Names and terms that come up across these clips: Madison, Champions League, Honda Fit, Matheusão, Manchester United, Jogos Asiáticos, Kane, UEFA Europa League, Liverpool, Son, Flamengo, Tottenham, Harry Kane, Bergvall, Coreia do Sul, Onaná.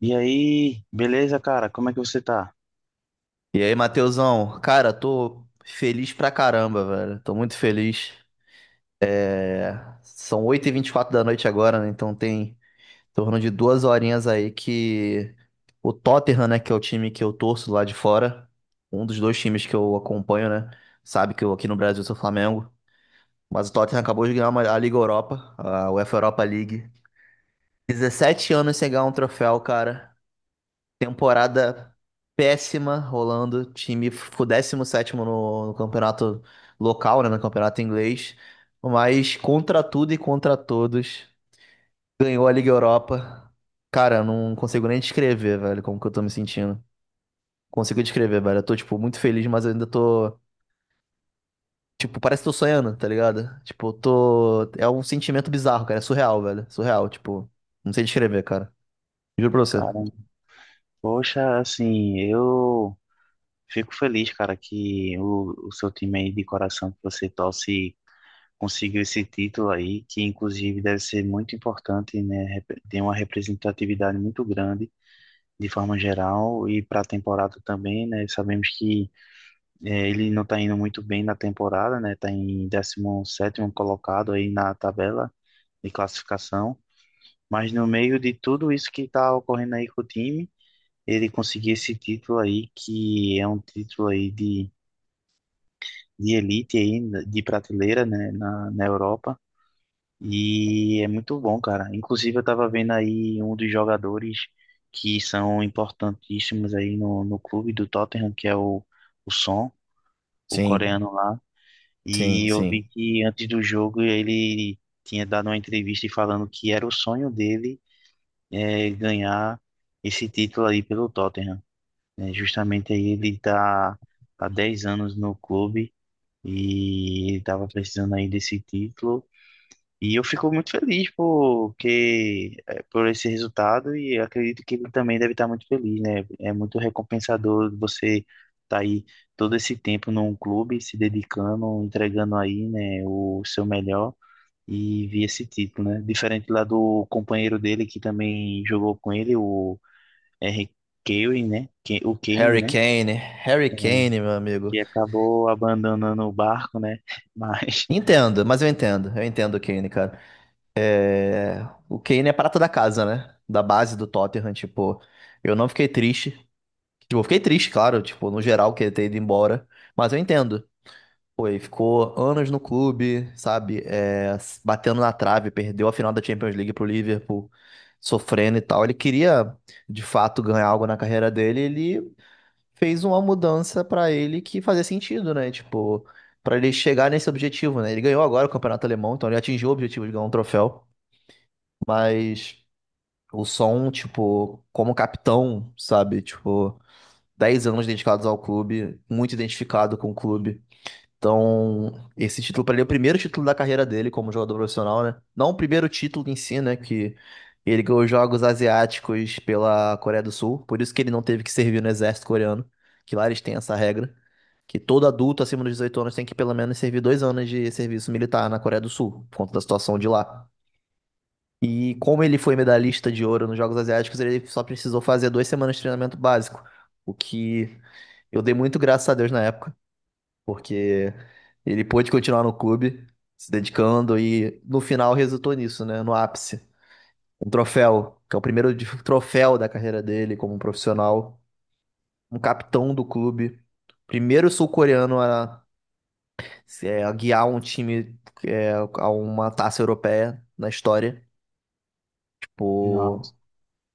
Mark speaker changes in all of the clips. Speaker 1: E aí, beleza, cara? Como é que você tá?
Speaker 2: E aí, Matheusão? Cara, tô feliz pra caramba, velho. Tô muito feliz. É... São 8:24 da noite agora, né? Então tem em torno de 2 horinhas aí que o Tottenham, né, que é o time que eu torço lá de fora, um dos dois times que eu acompanho, né? Sabe que eu aqui no Brasil sou Flamengo. Mas o Tottenham acabou de ganhar a Liga Europa, a UEFA Europa League. 17 anos sem ganhar um troféu, cara. Temporada péssima rolando. O time ficou 17º no campeonato local, né, no campeonato inglês. Mas contra tudo e contra todos, ganhou a Liga Europa. Cara, eu não consigo nem descrever, velho, como que eu tô me sentindo. Consigo descrever, velho. Eu tô, tipo, muito feliz, mas eu ainda tô. Tipo, parece que tô sonhando, tá ligado? Tipo, eu tô. É um sentimento bizarro, cara. É surreal, velho. Surreal, tipo. Não sei descrever, cara. Juro pra você.
Speaker 1: Cara, poxa, assim, eu fico feliz, cara, que o seu time aí de coração que você torce conseguiu esse título aí, que inclusive deve ser muito importante, né? Tem uma representatividade muito grande, de forma geral, e para a temporada também, né? Sabemos que ele não tá indo muito bem na temporada, né? Tá em 17º colocado aí na tabela de classificação. Mas no meio de tudo isso que está ocorrendo aí com o time, ele conseguiu esse título aí, que é um título aí de elite aí, de prateleira, né, na Europa. E é muito bom, cara. Inclusive, eu estava vendo aí um dos jogadores que são importantíssimos aí no clube do Tottenham, que é o Son, o
Speaker 2: Sim,
Speaker 1: coreano lá.
Speaker 2: sim,
Speaker 1: E eu vi
Speaker 2: sim.
Speaker 1: que antes do jogo ele tinha dado uma entrevista falando que era o sonho dele é, ganhar esse título aí pelo Tottenham. É, justamente aí ele está há 10 anos no clube e ele tava precisando aí desse título. E eu fico muito feliz porque, é, por esse resultado e acredito que ele também deve estar muito feliz, né? É muito recompensador você estar aí todo esse tempo num clube, se dedicando, entregando aí, né, o seu melhor e vi esse título, né? Diferente lá do companheiro dele que também jogou com ele, o R. Kelly, né? O Kane,
Speaker 2: Harry
Speaker 1: né?
Speaker 2: Kane, Harry
Speaker 1: É,
Speaker 2: Kane, meu amigo.
Speaker 1: que acabou abandonando o barco, né? Mas,
Speaker 2: Entendo, mas eu entendo o Kane, cara. O Kane é prata da casa, né? Da base do Tottenham, tipo, eu não fiquei triste. Tipo, eu fiquei triste, claro, tipo, no geral, que ele ter ido embora, mas eu entendo. Pô, ele ficou anos no clube, sabe? Batendo na trave, perdeu a final da Champions League pro Liverpool, sofrendo e tal. Ele queria, de fato, ganhar algo na carreira dele, ele fez uma mudança pra ele que fazia sentido, né? Tipo, pra ele chegar nesse objetivo, né? Ele ganhou agora o campeonato alemão, então ele atingiu o objetivo de ganhar um troféu, mas o som, tipo, como capitão, sabe? Tipo, 10 anos dedicados ao clube, muito identificado com o clube. Então, esse título pra ele é o primeiro título da carreira dele como jogador profissional, né? Não o primeiro título em si, né? Que ele ganhou os Jogos Asiáticos pela Coreia do Sul, por isso que ele não teve que servir no exército coreano, que lá eles têm essa regra que todo adulto acima dos 18 anos tem que pelo menos servir 2 anos de serviço militar na Coreia do Sul, por conta da situação de lá. E como ele foi medalhista de ouro nos Jogos Asiáticos, ele só precisou fazer 2 semanas de treinamento básico, o que eu dei muito graças a Deus na época, porque ele pôde continuar no clube, se dedicando e no final resultou nisso, né, no ápice. Um troféu, que é o primeiro troféu da carreira dele como profissional, um capitão do clube, primeiro sul-coreano a se, guiar um time a uma taça europeia na história.
Speaker 1: nossa,
Speaker 2: Tipo,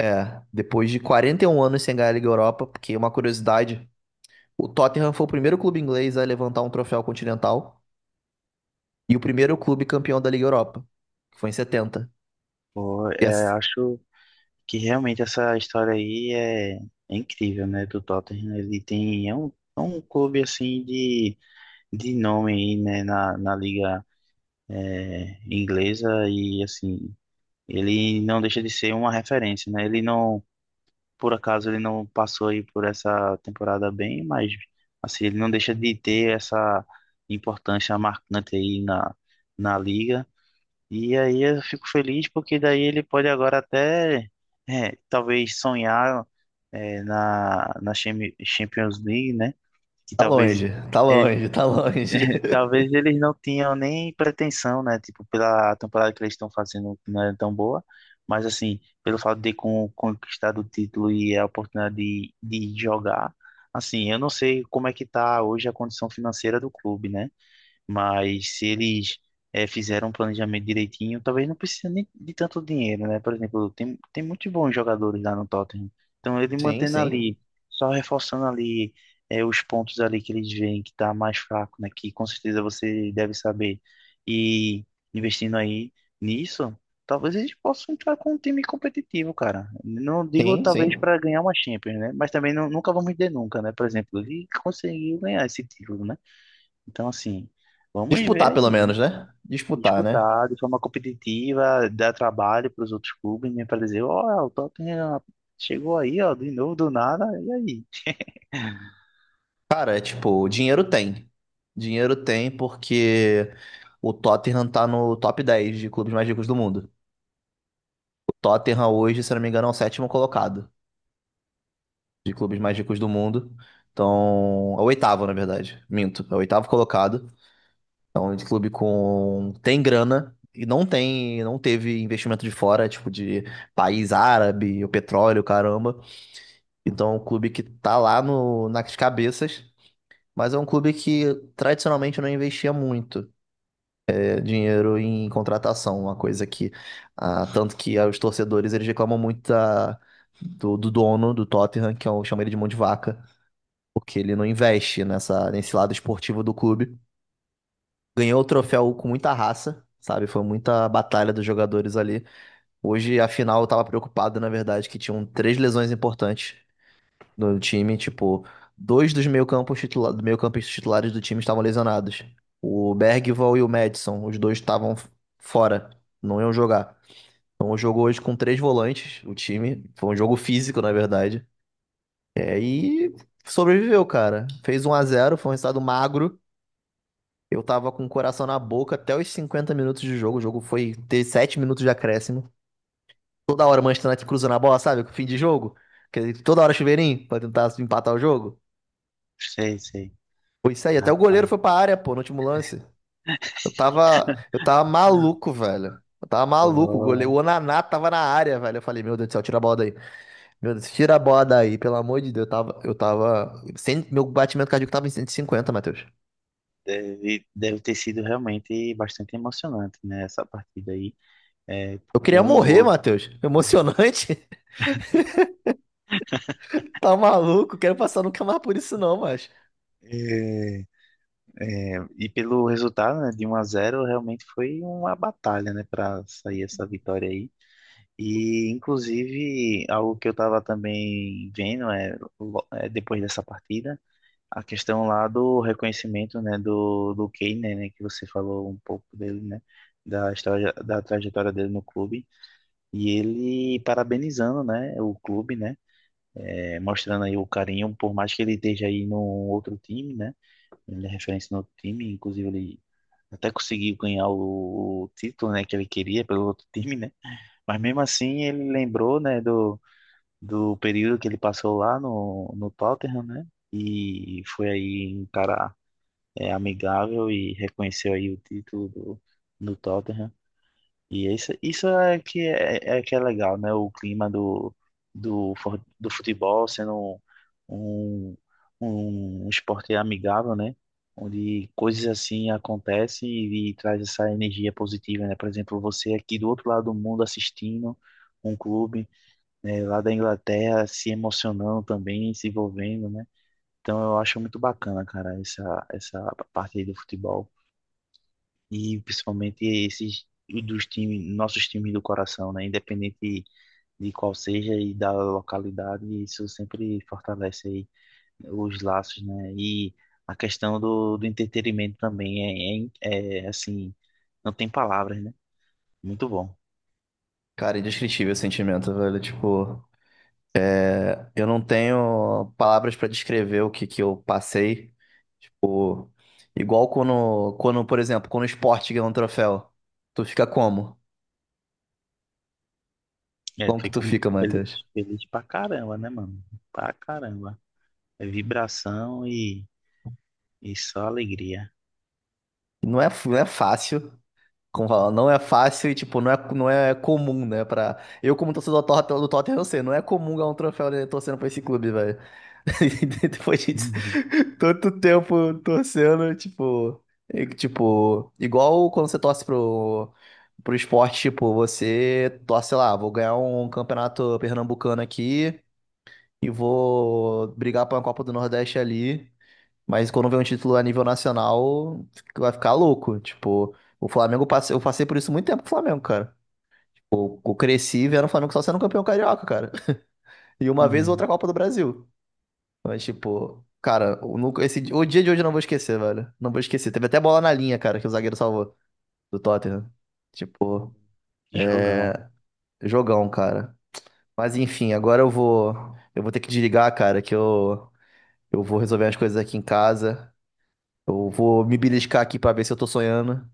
Speaker 2: depois de 41 anos sem ganhar a Liga Europa, porque uma curiosidade, o Tottenham foi o primeiro clube inglês a levantar um troféu continental e o primeiro clube campeão da Liga Europa, que foi em setenta.
Speaker 1: pô,
Speaker 2: E
Speaker 1: é,
Speaker 2: ass-
Speaker 1: acho que realmente essa história aí é incrível, né? Do Tottenham. Ele tem, é um clube assim de nome aí, né? Na liga é, inglesa e assim, ele não deixa de ser uma referência, né? Ele não por acaso ele não passou aí por essa temporada bem, mas assim, ele não deixa de ter essa importância marcante aí na liga. E aí eu fico feliz porque daí ele pode agora até é, talvez sonhar é, na Champions League, né? Que
Speaker 2: Tá
Speaker 1: talvez
Speaker 2: longe, tá
Speaker 1: é,
Speaker 2: longe, tá longe.
Speaker 1: Talvez eles não tinham nem pretensão, né? Tipo, pela temporada que eles estão fazendo, que não é tão boa. Mas, assim, pelo fato de conquistar o título e a oportunidade de jogar, assim, eu não sei como é que tá hoje a condição financeira do clube, né? Mas se eles fizeram um planejamento direitinho, talvez não precise nem de tanto dinheiro, né? Por exemplo, tem muitos bons jogadores lá no Tottenham. Então ele
Speaker 2: Sim,
Speaker 1: mantendo
Speaker 2: sim.
Speaker 1: ali, só reforçando ali os pontos ali que eles veem que tá mais fraco, né? Que com certeza você deve saber. E investindo aí nisso, talvez eles possam entrar com um time competitivo, cara. Não digo
Speaker 2: Sim,
Speaker 1: talvez
Speaker 2: sim.
Speaker 1: para ganhar uma Champions, né? Mas também não, nunca vamos dizer nunca, né? Por exemplo, ele conseguiu ganhar esse título, né? Então, assim, vamos ver
Speaker 2: Disputar
Speaker 1: aí,
Speaker 2: pelo
Speaker 1: né?
Speaker 2: menos, né? Disputar, né?
Speaker 1: Disputar de forma competitiva, dar trabalho para os outros clubes, né? Para dizer, ó, o Tottenham chegou aí, ó, de novo, do nada, e aí?
Speaker 2: Cara, é tipo, dinheiro tem. Dinheiro tem porque o Tottenham tá no top 10 de clubes mais ricos do mundo. O Tottenham hoje, se eu não me engano, é o sétimo colocado de clubes mais ricos do mundo. Então, é o oitavo, na verdade. Minto, é o oitavo colocado. É um clube com tem grana e não tem, não teve investimento de fora, tipo de país árabe, o petróleo, caramba. Então, é um clube que tá lá no nas cabeças, mas é um clube que tradicionalmente não investia muito dinheiro em contratação, uma coisa que tanto que os torcedores eles reclamam muito do dono do Tottenham, que é o chama ele de mão de vaca, porque ele não investe nessa nesse lado esportivo do clube. Ganhou o troféu com muita raça, sabe? Foi muita batalha dos jogadores ali. Hoje, afinal, eu tava preocupado, na verdade, que tinham três lesões importantes no time, tipo, dois dos meio-campos titula do meio-campistas titulares do time estavam lesionados. O Bergvall e o Madison, os dois estavam fora, não iam jogar. Então o jogo hoje com três volantes, o time, foi um jogo físico, na verdade. E sobreviveu, cara. Fez 1-0, foi um resultado magro. Eu tava com o coração na boca até os 50 minutos de jogo. O jogo foi ter 7 minutos de acréscimo. Toda hora o Manchester United cruzando a bola, sabe? Fim de jogo. Que toda hora chuveirinho pra tentar empatar o jogo.
Speaker 1: Sei, sei.
Speaker 2: Foi isso aí. Até o goleiro
Speaker 1: Rapaz,
Speaker 2: foi pra área, pô, no último lance. Eu tava maluco, velho. Eu tava maluco. O goleiro,
Speaker 1: ó,
Speaker 2: o Onaná tava na área, velho. Eu falei, meu Deus do céu, tira a bola daí. Meu Deus, tira a bola daí, pelo amor de Deus. Meu batimento cardíaco tava em 150, Matheus.
Speaker 1: deve, deve ter sido realmente bastante emocionante, né? Essa partida aí, é,
Speaker 2: Eu queria
Speaker 1: com um
Speaker 2: morrer,
Speaker 1: gol.
Speaker 2: Matheus. Emocionante. Tá maluco? Quero passar nunca mais por isso, não, mas.
Speaker 1: É, é, e pelo resultado, né, de 1-0 realmente foi uma batalha, né, para sair essa vitória aí. E, inclusive, algo que eu estava também vendo é, é, depois dessa partida, a questão lá do reconhecimento, né, do Kane, né, que você falou um pouco dele, né, da história, da trajetória dele no clube, e ele parabenizando, né, o clube, né, é, mostrando aí o carinho, por mais que ele esteja aí num outro time, né, ele é referência no outro time, inclusive ele até conseguiu ganhar o título, né, que ele queria pelo outro time, né, mas mesmo assim ele lembrou, né, do do período que ele passou lá no Tottenham, né? E foi aí um cara é, amigável e reconheceu aí o título do, do Tottenham. E isso é que é, é é que é legal, né? O clima do, do, do futebol sendo um, um, um esporte amigável, né? Onde coisas assim acontecem e traz essa energia positiva, né? Por exemplo, você aqui do outro lado do mundo assistindo um clube né, lá da Inglaterra se emocionando também, se envolvendo, né? Então eu acho muito bacana, cara, essa parte aí do futebol. E principalmente esses dos times, nossos times do coração, né? Independente de qual seja e da localidade, isso sempre fortalece aí os laços, né? E a questão do, do entretenimento também é, é, é, assim, não tem palavras, né? Muito bom.
Speaker 2: Cara, indescritível esse sentimento, velho. Tipo, eu não tenho palavras pra descrever o que que eu passei. Igual quando, por exemplo, quando o esporte ganha um troféu, tu fica como?
Speaker 1: É,
Speaker 2: Como que tu
Speaker 1: fico
Speaker 2: fica,
Speaker 1: feliz,
Speaker 2: Matheus?
Speaker 1: feliz pra caramba, né, mano? Pra caramba. É vibração e só alegria.
Speaker 2: Não é fácil, como fala, não é fácil e, tipo, não é comum, né? Pra... Eu, como torcedor do Tottenham, eu sei, não é comum ganhar um troféu, né, torcendo pra esse clube, velho. Depois de
Speaker 1: Uhum.
Speaker 2: tanto tempo torcendo, tipo... E, tipo, igual quando você torce pro esporte, tipo, você torce lá, vou ganhar um campeonato pernambucano aqui... E vou brigar pra uma Copa do Nordeste ali. Mas quando vem um título a nível nacional, vai ficar louco. Tipo, o Flamengo, eu passei por isso muito tempo com o Flamengo, cara. Eu cresci vendo o Flamengo só sendo campeão carioca, cara. E uma vez
Speaker 1: Uhum.
Speaker 2: outra Copa do Brasil. Mas, tipo, cara, eu nunca- esse, o dia de hoje eu não vou esquecer, velho. Não vou esquecer. Teve até bola na linha, cara, que o zagueiro salvou do Tottenham. Tipo,
Speaker 1: Que jogão.
Speaker 2: jogão, cara. Mas enfim, agora eu vou. Eu vou ter que desligar, cara, que eu vou resolver as coisas aqui em casa. Eu vou me beliscar aqui pra ver se eu tô sonhando,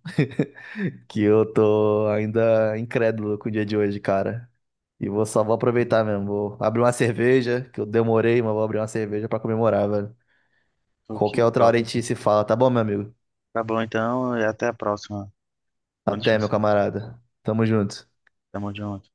Speaker 2: que eu tô ainda incrédulo com o dia de hoje, cara. E vou só vou
Speaker 1: Uhum.
Speaker 2: aproveitar mesmo. Vou abrir uma cerveja, que eu demorei, mas vou abrir uma cerveja pra comemorar, velho.
Speaker 1: Pô, que
Speaker 2: Qualquer outra hora
Speaker 1: top.
Speaker 2: a gente se fala, tá bom, meu amigo?
Speaker 1: Tá bom, então, e até a próxima. Bom
Speaker 2: Até, meu
Speaker 1: descanso.
Speaker 2: camarada. Tamo junto.
Speaker 1: Tamo junto.